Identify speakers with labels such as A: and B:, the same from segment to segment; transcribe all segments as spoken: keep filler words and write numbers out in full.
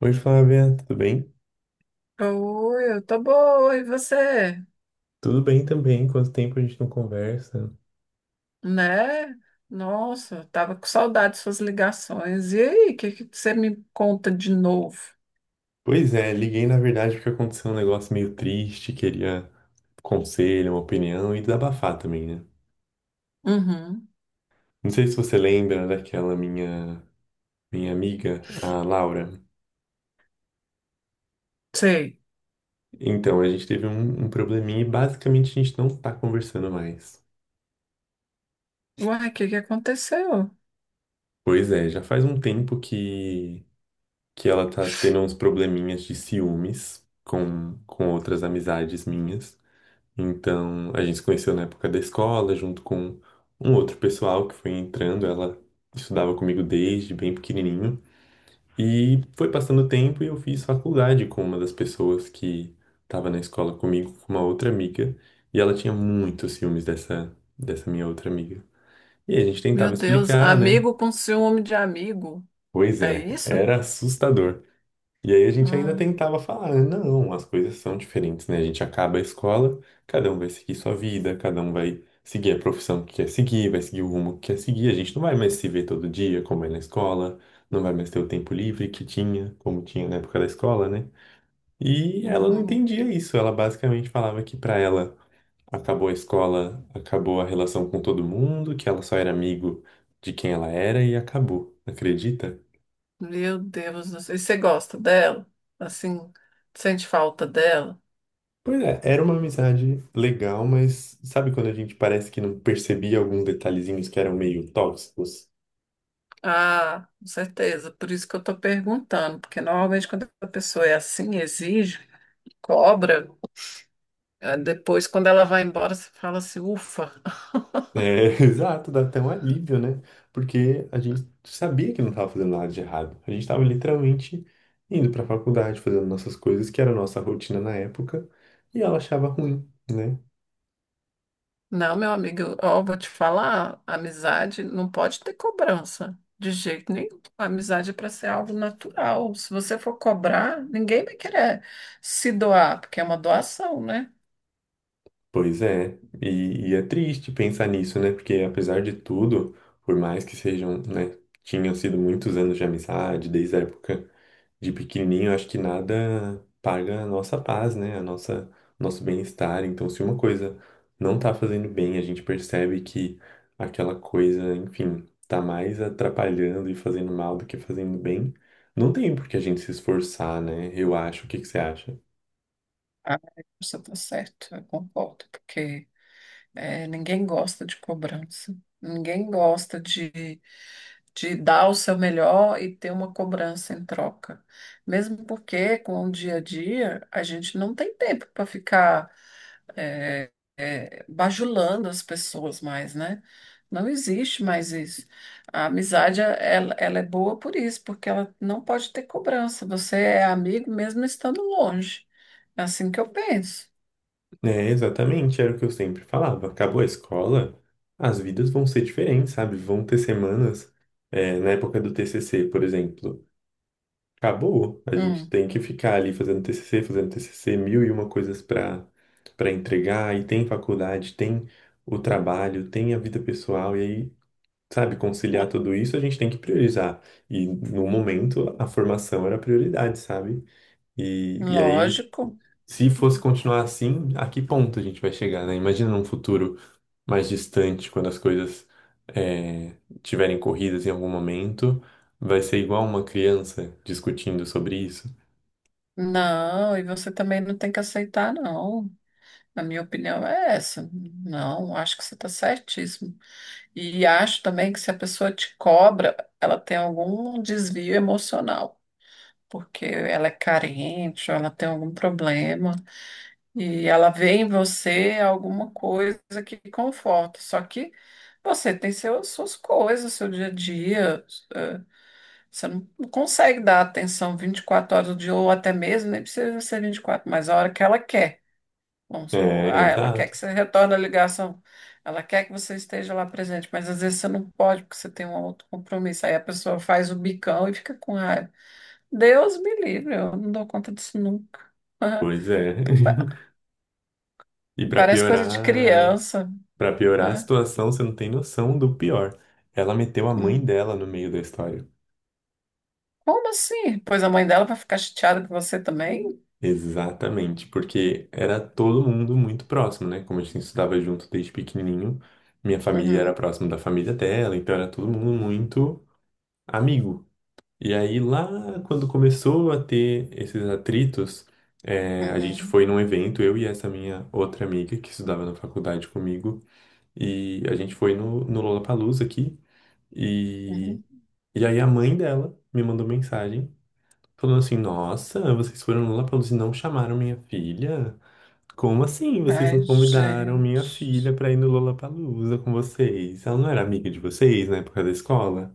A: Oi, Flávia, tudo bem?
B: Oi, eu tô boa, e você?
A: Tudo bem também, quanto tempo a gente não conversa?
B: Né? Nossa, eu tava com saudade de suas ligações. E aí, o que que você me conta de novo?
A: Pois é, liguei na verdade porque aconteceu um negócio meio triste, queria um conselho, uma opinião e desabafar também, né?
B: Uhum,
A: Não sei se você lembra daquela minha minha amiga, a Laura.
B: sei.
A: Então, a gente teve um, um probleminha e basicamente a gente não tá conversando mais.
B: Uai, o que que aconteceu?
A: Pois é, já faz um tempo que que ela tá tendo uns probleminhas de ciúmes com com outras amizades minhas. Então, a gente se conheceu na época da escola, junto com um outro pessoal que foi entrando. Ela estudava comigo desde bem pequenininho. E foi passando o tempo e eu fiz faculdade com uma das pessoas que estava na escola comigo, com uma outra amiga. E ela tinha muitos ciúmes dessa, dessa minha outra amiga. E a gente tentava
B: Meu Deus,
A: explicar, né?
B: amigo com ciúme de amigo,
A: Pois
B: é
A: é,
B: isso?
A: era assustador. E aí a gente ainda
B: Ah,
A: tentava falar: "Ah, não, as coisas são diferentes, né? A gente acaba a escola, cada um vai seguir sua vida, cada um vai seguir a profissão que quer seguir, vai seguir o rumo que quer seguir. A gente não vai mais se ver todo dia, como é na escola, não vai mais ter o tempo livre que tinha, como tinha na época da escola, né?" E ela não
B: uhum.
A: entendia isso. Ela basicamente falava que, pra ela, acabou a escola, acabou a relação com todo mundo, que ela só era amigo de quem ela era e acabou. Acredita?
B: Meu Deus do céu! E você gosta dela? Assim, sente falta dela?
A: Pois é, era uma amizade legal, mas sabe quando a gente parece que não percebia alguns detalhezinhos que eram meio tóxicos?
B: Ah, com certeza, por isso que eu tô perguntando, porque normalmente quando a pessoa é assim, exige, cobra. Eh, Depois, quando ela vai embora, você fala assim, ufa.
A: É, exato, dá até um alívio, né? Porque a gente sabia que não estava fazendo nada de errado. A gente estava literalmente indo para a faculdade, fazendo nossas coisas, que era a nossa rotina na época, e ela achava ruim, né?
B: Não, meu amigo, eu- ó, vou te falar, amizade não pode ter cobrança, de jeito nenhum. A amizade é para ser algo natural. Se você for cobrar, ninguém vai querer se doar, porque é uma doação, né?
A: Pois é, e, e é triste pensar nisso, né? Porque apesar de tudo, por mais que sejam, né, tinham sido muitos anos de amizade, desde a época de pequenininho, acho que nada paga a nossa paz, né? A nossa, nosso bem-estar. Então, se uma coisa não tá fazendo bem, a gente percebe que aquela coisa, enfim, tá mais atrapalhando e fazendo mal do que fazendo bem, não tem por que a gente se esforçar, né? Eu acho. O que que você acha?
B: Ah, você tá certo, eu concordo, porque é, ninguém gosta de cobrança. Ninguém gosta de, de dar o seu melhor e ter uma cobrança em troca. Mesmo porque, com o dia a dia, a gente não tem tempo para ficar é, é, bajulando as pessoas mais, né? Não existe mais isso. A amizade, ela, ela é boa por isso, porque ela não pode ter cobrança. Você é amigo mesmo estando longe. É assim que eu penso.
A: É, exatamente, era o que eu sempre falava. Acabou a escola, as vidas vão ser diferentes, sabe? Vão ter semanas. É, na época do T C C, por exemplo. Acabou. A gente
B: Hum,
A: tem que ficar ali fazendo T C C, fazendo T C C, mil e uma coisas para para entregar. E tem faculdade, tem o trabalho, tem a vida pessoal. E aí, sabe, conciliar tudo isso, a gente tem que priorizar. E no momento, a formação era a prioridade, sabe? E, e aí,
B: lógico.
A: Se fosse continuar assim, a que ponto a gente vai chegar, né? Imagina num futuro mais distante, quando as coisas é, tiverem corridas em algum momento, vai ser igual uma criança discutindo sobre isso.
B: Não, e você também não tem que aceitar, não. Na minha opinião é essa. Não, acho que você está certíssimo. E acho também que se a pessoa te cobra, ela tem algum desvio emocional, porque ela é carente, ou ela tem algum problema, e ela vê em você alguma coisa que conforta. Só que você tem seus, suas coisas, seu dia a dia. eh, Você não não consegue dar atenção vinte e quatro horas do dia, ou até mesmo, nem precisa ser vinte e quatro, mas a hora que ela quer. Vamos supor,
A: É,
B: ah, ela quer
A: exato.
B: que você retorne a ligação, ela quer que você esteja lá presente, mas às vezes você não pode porque você tem um outro compromisso. Aí a pessoa faz o bicão e fica com raiva. Deus me livre, eu não dou conta disso nunca.
A: Pois é.
B: Pa-
A: E pra
B: Parece coisa de
A: piorar,
B: criança,
A: para piorar a
B: né?
A: situação, você não tem noção do pior. Ela meteu a mãe
B: Hum.
A: dela no meio da história.
B: Como assim? Pois a mãe dela vai ficar chateada com você também?
A: Exatamente, porque era todo mundo muito próximo, né? Como a gente estudava junto desde pequenininho, minha família era
B: Uhum,
A: próximo da família dela, então era todo mundo muito amigo. E aí lá, quando começou a ter esses atritos, é, a gente
B: uhum,
A: foi num evento, eu e essa minha outra amiga que estudava na faculdade comigo. E a gente foi no, no Lollapalooza aqui. E,
B: uhum.
A: e aí a mãe dela me mandou mensagem falando assim: "Nossa, vocês foram no Lollapalooza e não chamaram minha filha? Como assim? Vocês
B: Ai,
A: não convidaram minha filha
B: gente.
A: pra ir no Lollapalooza com vocês? Ela não era amiga de vocês na época da escola?"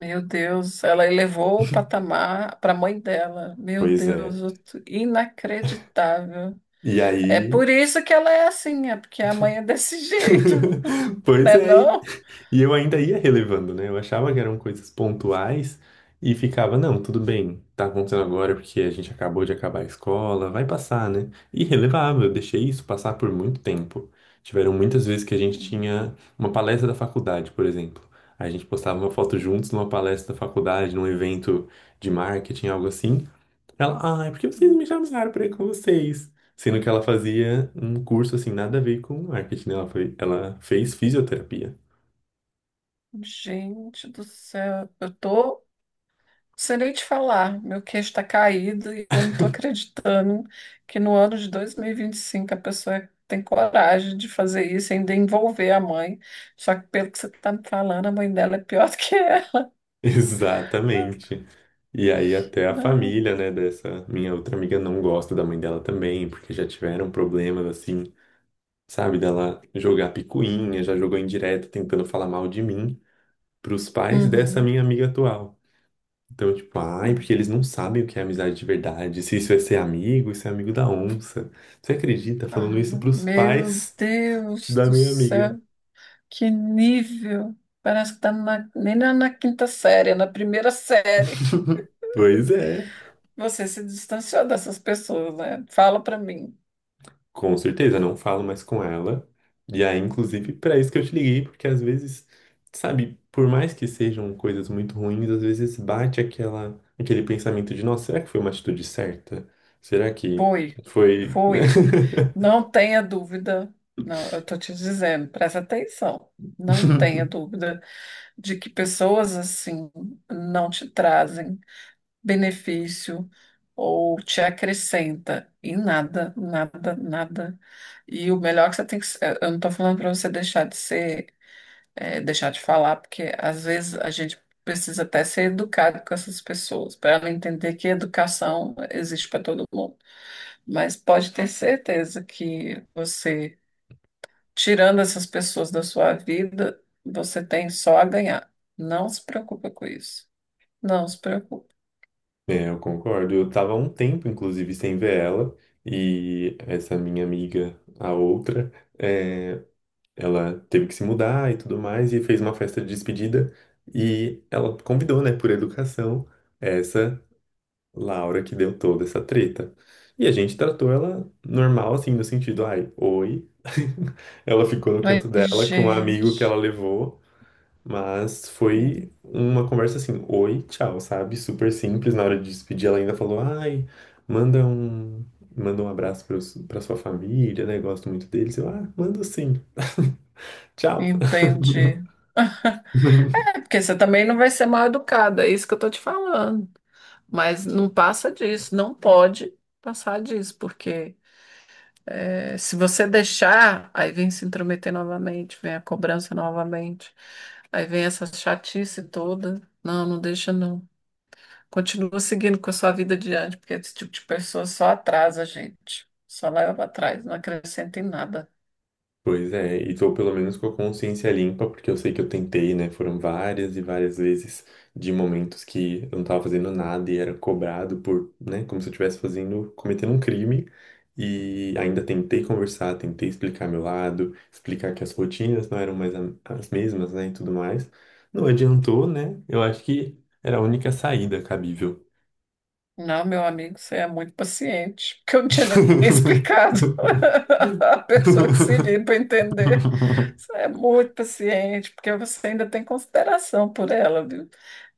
B: Meu Deus, ela elevou o patamar para a mãe dela. Meu
A: Pois é.
B: Deus, outro- Inacreditável.
A: E
B: É
A: aí.
B: por isso que ela é assim, é porque a mãe é desse jeito,
A: Pois
B: né
A: é.
B: não?
A: E eu ainda ia relevando, né? Eu achava que eram coisas pontuais e ficava, não, tudo bem, tá acontecendo agora porque a gente acabou de acabar a escola, vai passar, né? E relevava, eu deixei isso passar por muito tempo. Tiveram muitas vezes que a gente
B: Uhum.
A: tinha uma palestra da faculdade, por exemplo. A gente postava uma foto juntos numa palestra da faculdade, num evento de marketing, algo assim. Ela, ah, é porque vocês me chamaram pra ir com vocês. Sendo que ela fazia um curso assim, nada a ver com marketing, né? Ela foi, ela fez fisioterapia.
B: Gente do céu, eu tô sem nem te falar, meu queixo tá caído e eu não tô acreditando que no ano de dois mil e e vinte e cinco a pessoa tem coragem de fazer isso, e ainda envolver a mãe. Só que pelo que você tá me falando, a mãe dela é pior do que ela.
A: Exatamente. E aí até a família, né, dessa minha outra amiga não gosta da mãe dela também, porque já tiveram problemas assim, sabe, dela jogar picuinha, já jogou indireta tentando falar mal de mim pros pais dessa
B: Uhum.
A: minha amiga atual. Então, tipo, ai, porque eles não sabem o que é amizade de verdade, se isso é ser amigo, isso é amigo da onça. Você acredita falando
B: Ah,
A: isso pros
B: meu
A: pais
B: Deus
A: da
B: do
A: minha amiga?
B: céu, que nível! Parece que está na, nem na, na quinta série, é na primeira série.
A: Pois é.
B: Você se distanciou dessas pessoas, né? Fala para mim.
A: Com certeza, não falo mais com ela. E aí, inclusive, para isso que eu te liguei, porque, às vezes, sabe, por mais que sejam coisas muito ruins, às vezes bate aquela, aquele pensamento de, nossa, será que foi uma atitude certa? Será que
B: Foi,
A: foi, né?
B: foi. Não tenha dúvida. Não, eu tô te dizendo, presta atenção. Não tenha dúvida de que pessoas assim não te trazem benefício ou te acrescenta em nada, nada, nada. E o melhor que você tem que. ser- Eu não estou falando para você deixar de ser, eh, deixar de falar, porque às vezes a gente precisa até ser educado com essas pessoas, para ela entender que educação existe para todo mundo. Mas pode ter certeza que você, tirando essas pessoas da sua vida, você tem só a ganhar. Não se preocupa com isso. Não se preocupe.
A: É, eu concordo. Eu tava há um tempo, inclusive, sem ver ela. E essa minha amiga, a outra, ela teve que se mudar e tudo mais, e fez uma festa de despedida. E ela convidou, né, por educação, essa Laura que deu toda essa treta. E a gente tratou ela normal, assim, no sentido, ai, oi. Ela ficou no
B: Mas,
A: canto dela com um amigo que
B: gente.
A: ela levou, mas foi
B: Hum.
A: uma conversa assim, oi, tchau, sabe? Super simples. Na hora de despedir, ela ainda falou, ai, manda um, manda um abraço para para sua família, né? Gosto muito deles. Eu, ah, mando sim. Tchau.
B: Entendi. É, porque você também não vai ser mal educada, é isso que eu tô te falando. Mas não passa disso, não pode passar disso, porque é, se você deixar, aí vem se intrometer novamente, vem a cobrança novamente, aí vem essa chatice toda. Não, não deixa não. Continua seguindo com a sua vida adiante, porque esse tipo de pessoa só atrasa a gente, só leva para trás, não acrescenta em nada.
A: Pois é, e tô pelo menos com a consciência limpa, porque eu sei que eu tentei, né? Foram várias e várias vezes de momentos que eu não tava fazendo nada e era cobrado por, né, como se eu estivesse fazendo, cometendo um crime. E ainda tentei conversar, tentei explicar meu lado, explicar que as rotinas não eram mais a- as mesmas, né, e tudo mais. Não adiantou, né? Eu acho que era a única saída cabível.
B: Não, meu amigo, você é muito paciente, porque eu não tinha nem explicado. A pessoa que se liga para entender, você é muito paciente, porque você ainda tem consideração por ela, viu?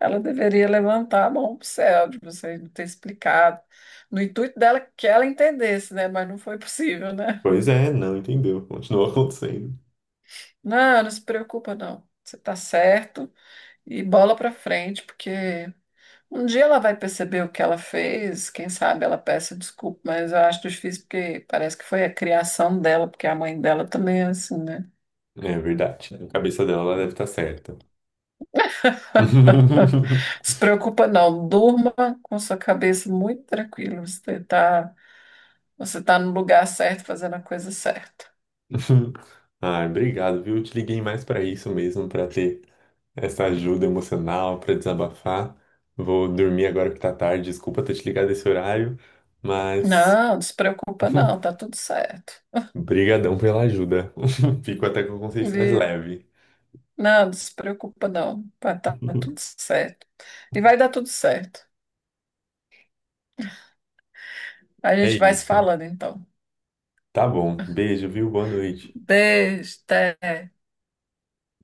B: Ela deveria levantar a mão para o céu de você não ter explicado, no intuito dela que ela entendesse, né? Mas não foi possível, né?
A: Pois é, não entendeu. Continuou acontecendo.
B: Não, não se preocupa, não. Você está certo e bola para frente, porque um dia ela vai perceber o que ela fez, quem sabe ela peça desculpa, mas eu acho difícil porque parece que foi a criação dela, porque a mãe dela também é assim, né?
A: É verdade, né? A cabeça dela, ela deve estar certa.
B: Se preocupa não, durma com sua cabeça muito tranquila, você tá, você tá no lugar certo, fazendo a coisa certa.
A: Ah, obrigado, viu? Eu te liguei mais para isso mesmo, para ter essa ajuda emocional, para desabafar. Vou dormir agora que tá tarde. Desculpa ter te ligado esse horário, mas
B: Não, despreocupa não, tá tudo certo.
A: brigadão pela ajuda. Fico até com a consciência mais
B: E,
A: leve.
B: não, despreocupa não, tá, tá tudo certo. E vai dar tudo certo. A
A: É
B: gente vai se
A: isso.
B: falando então.
A: Tá bom. Beijo, viu? Boa noite.
B: Beijo, até.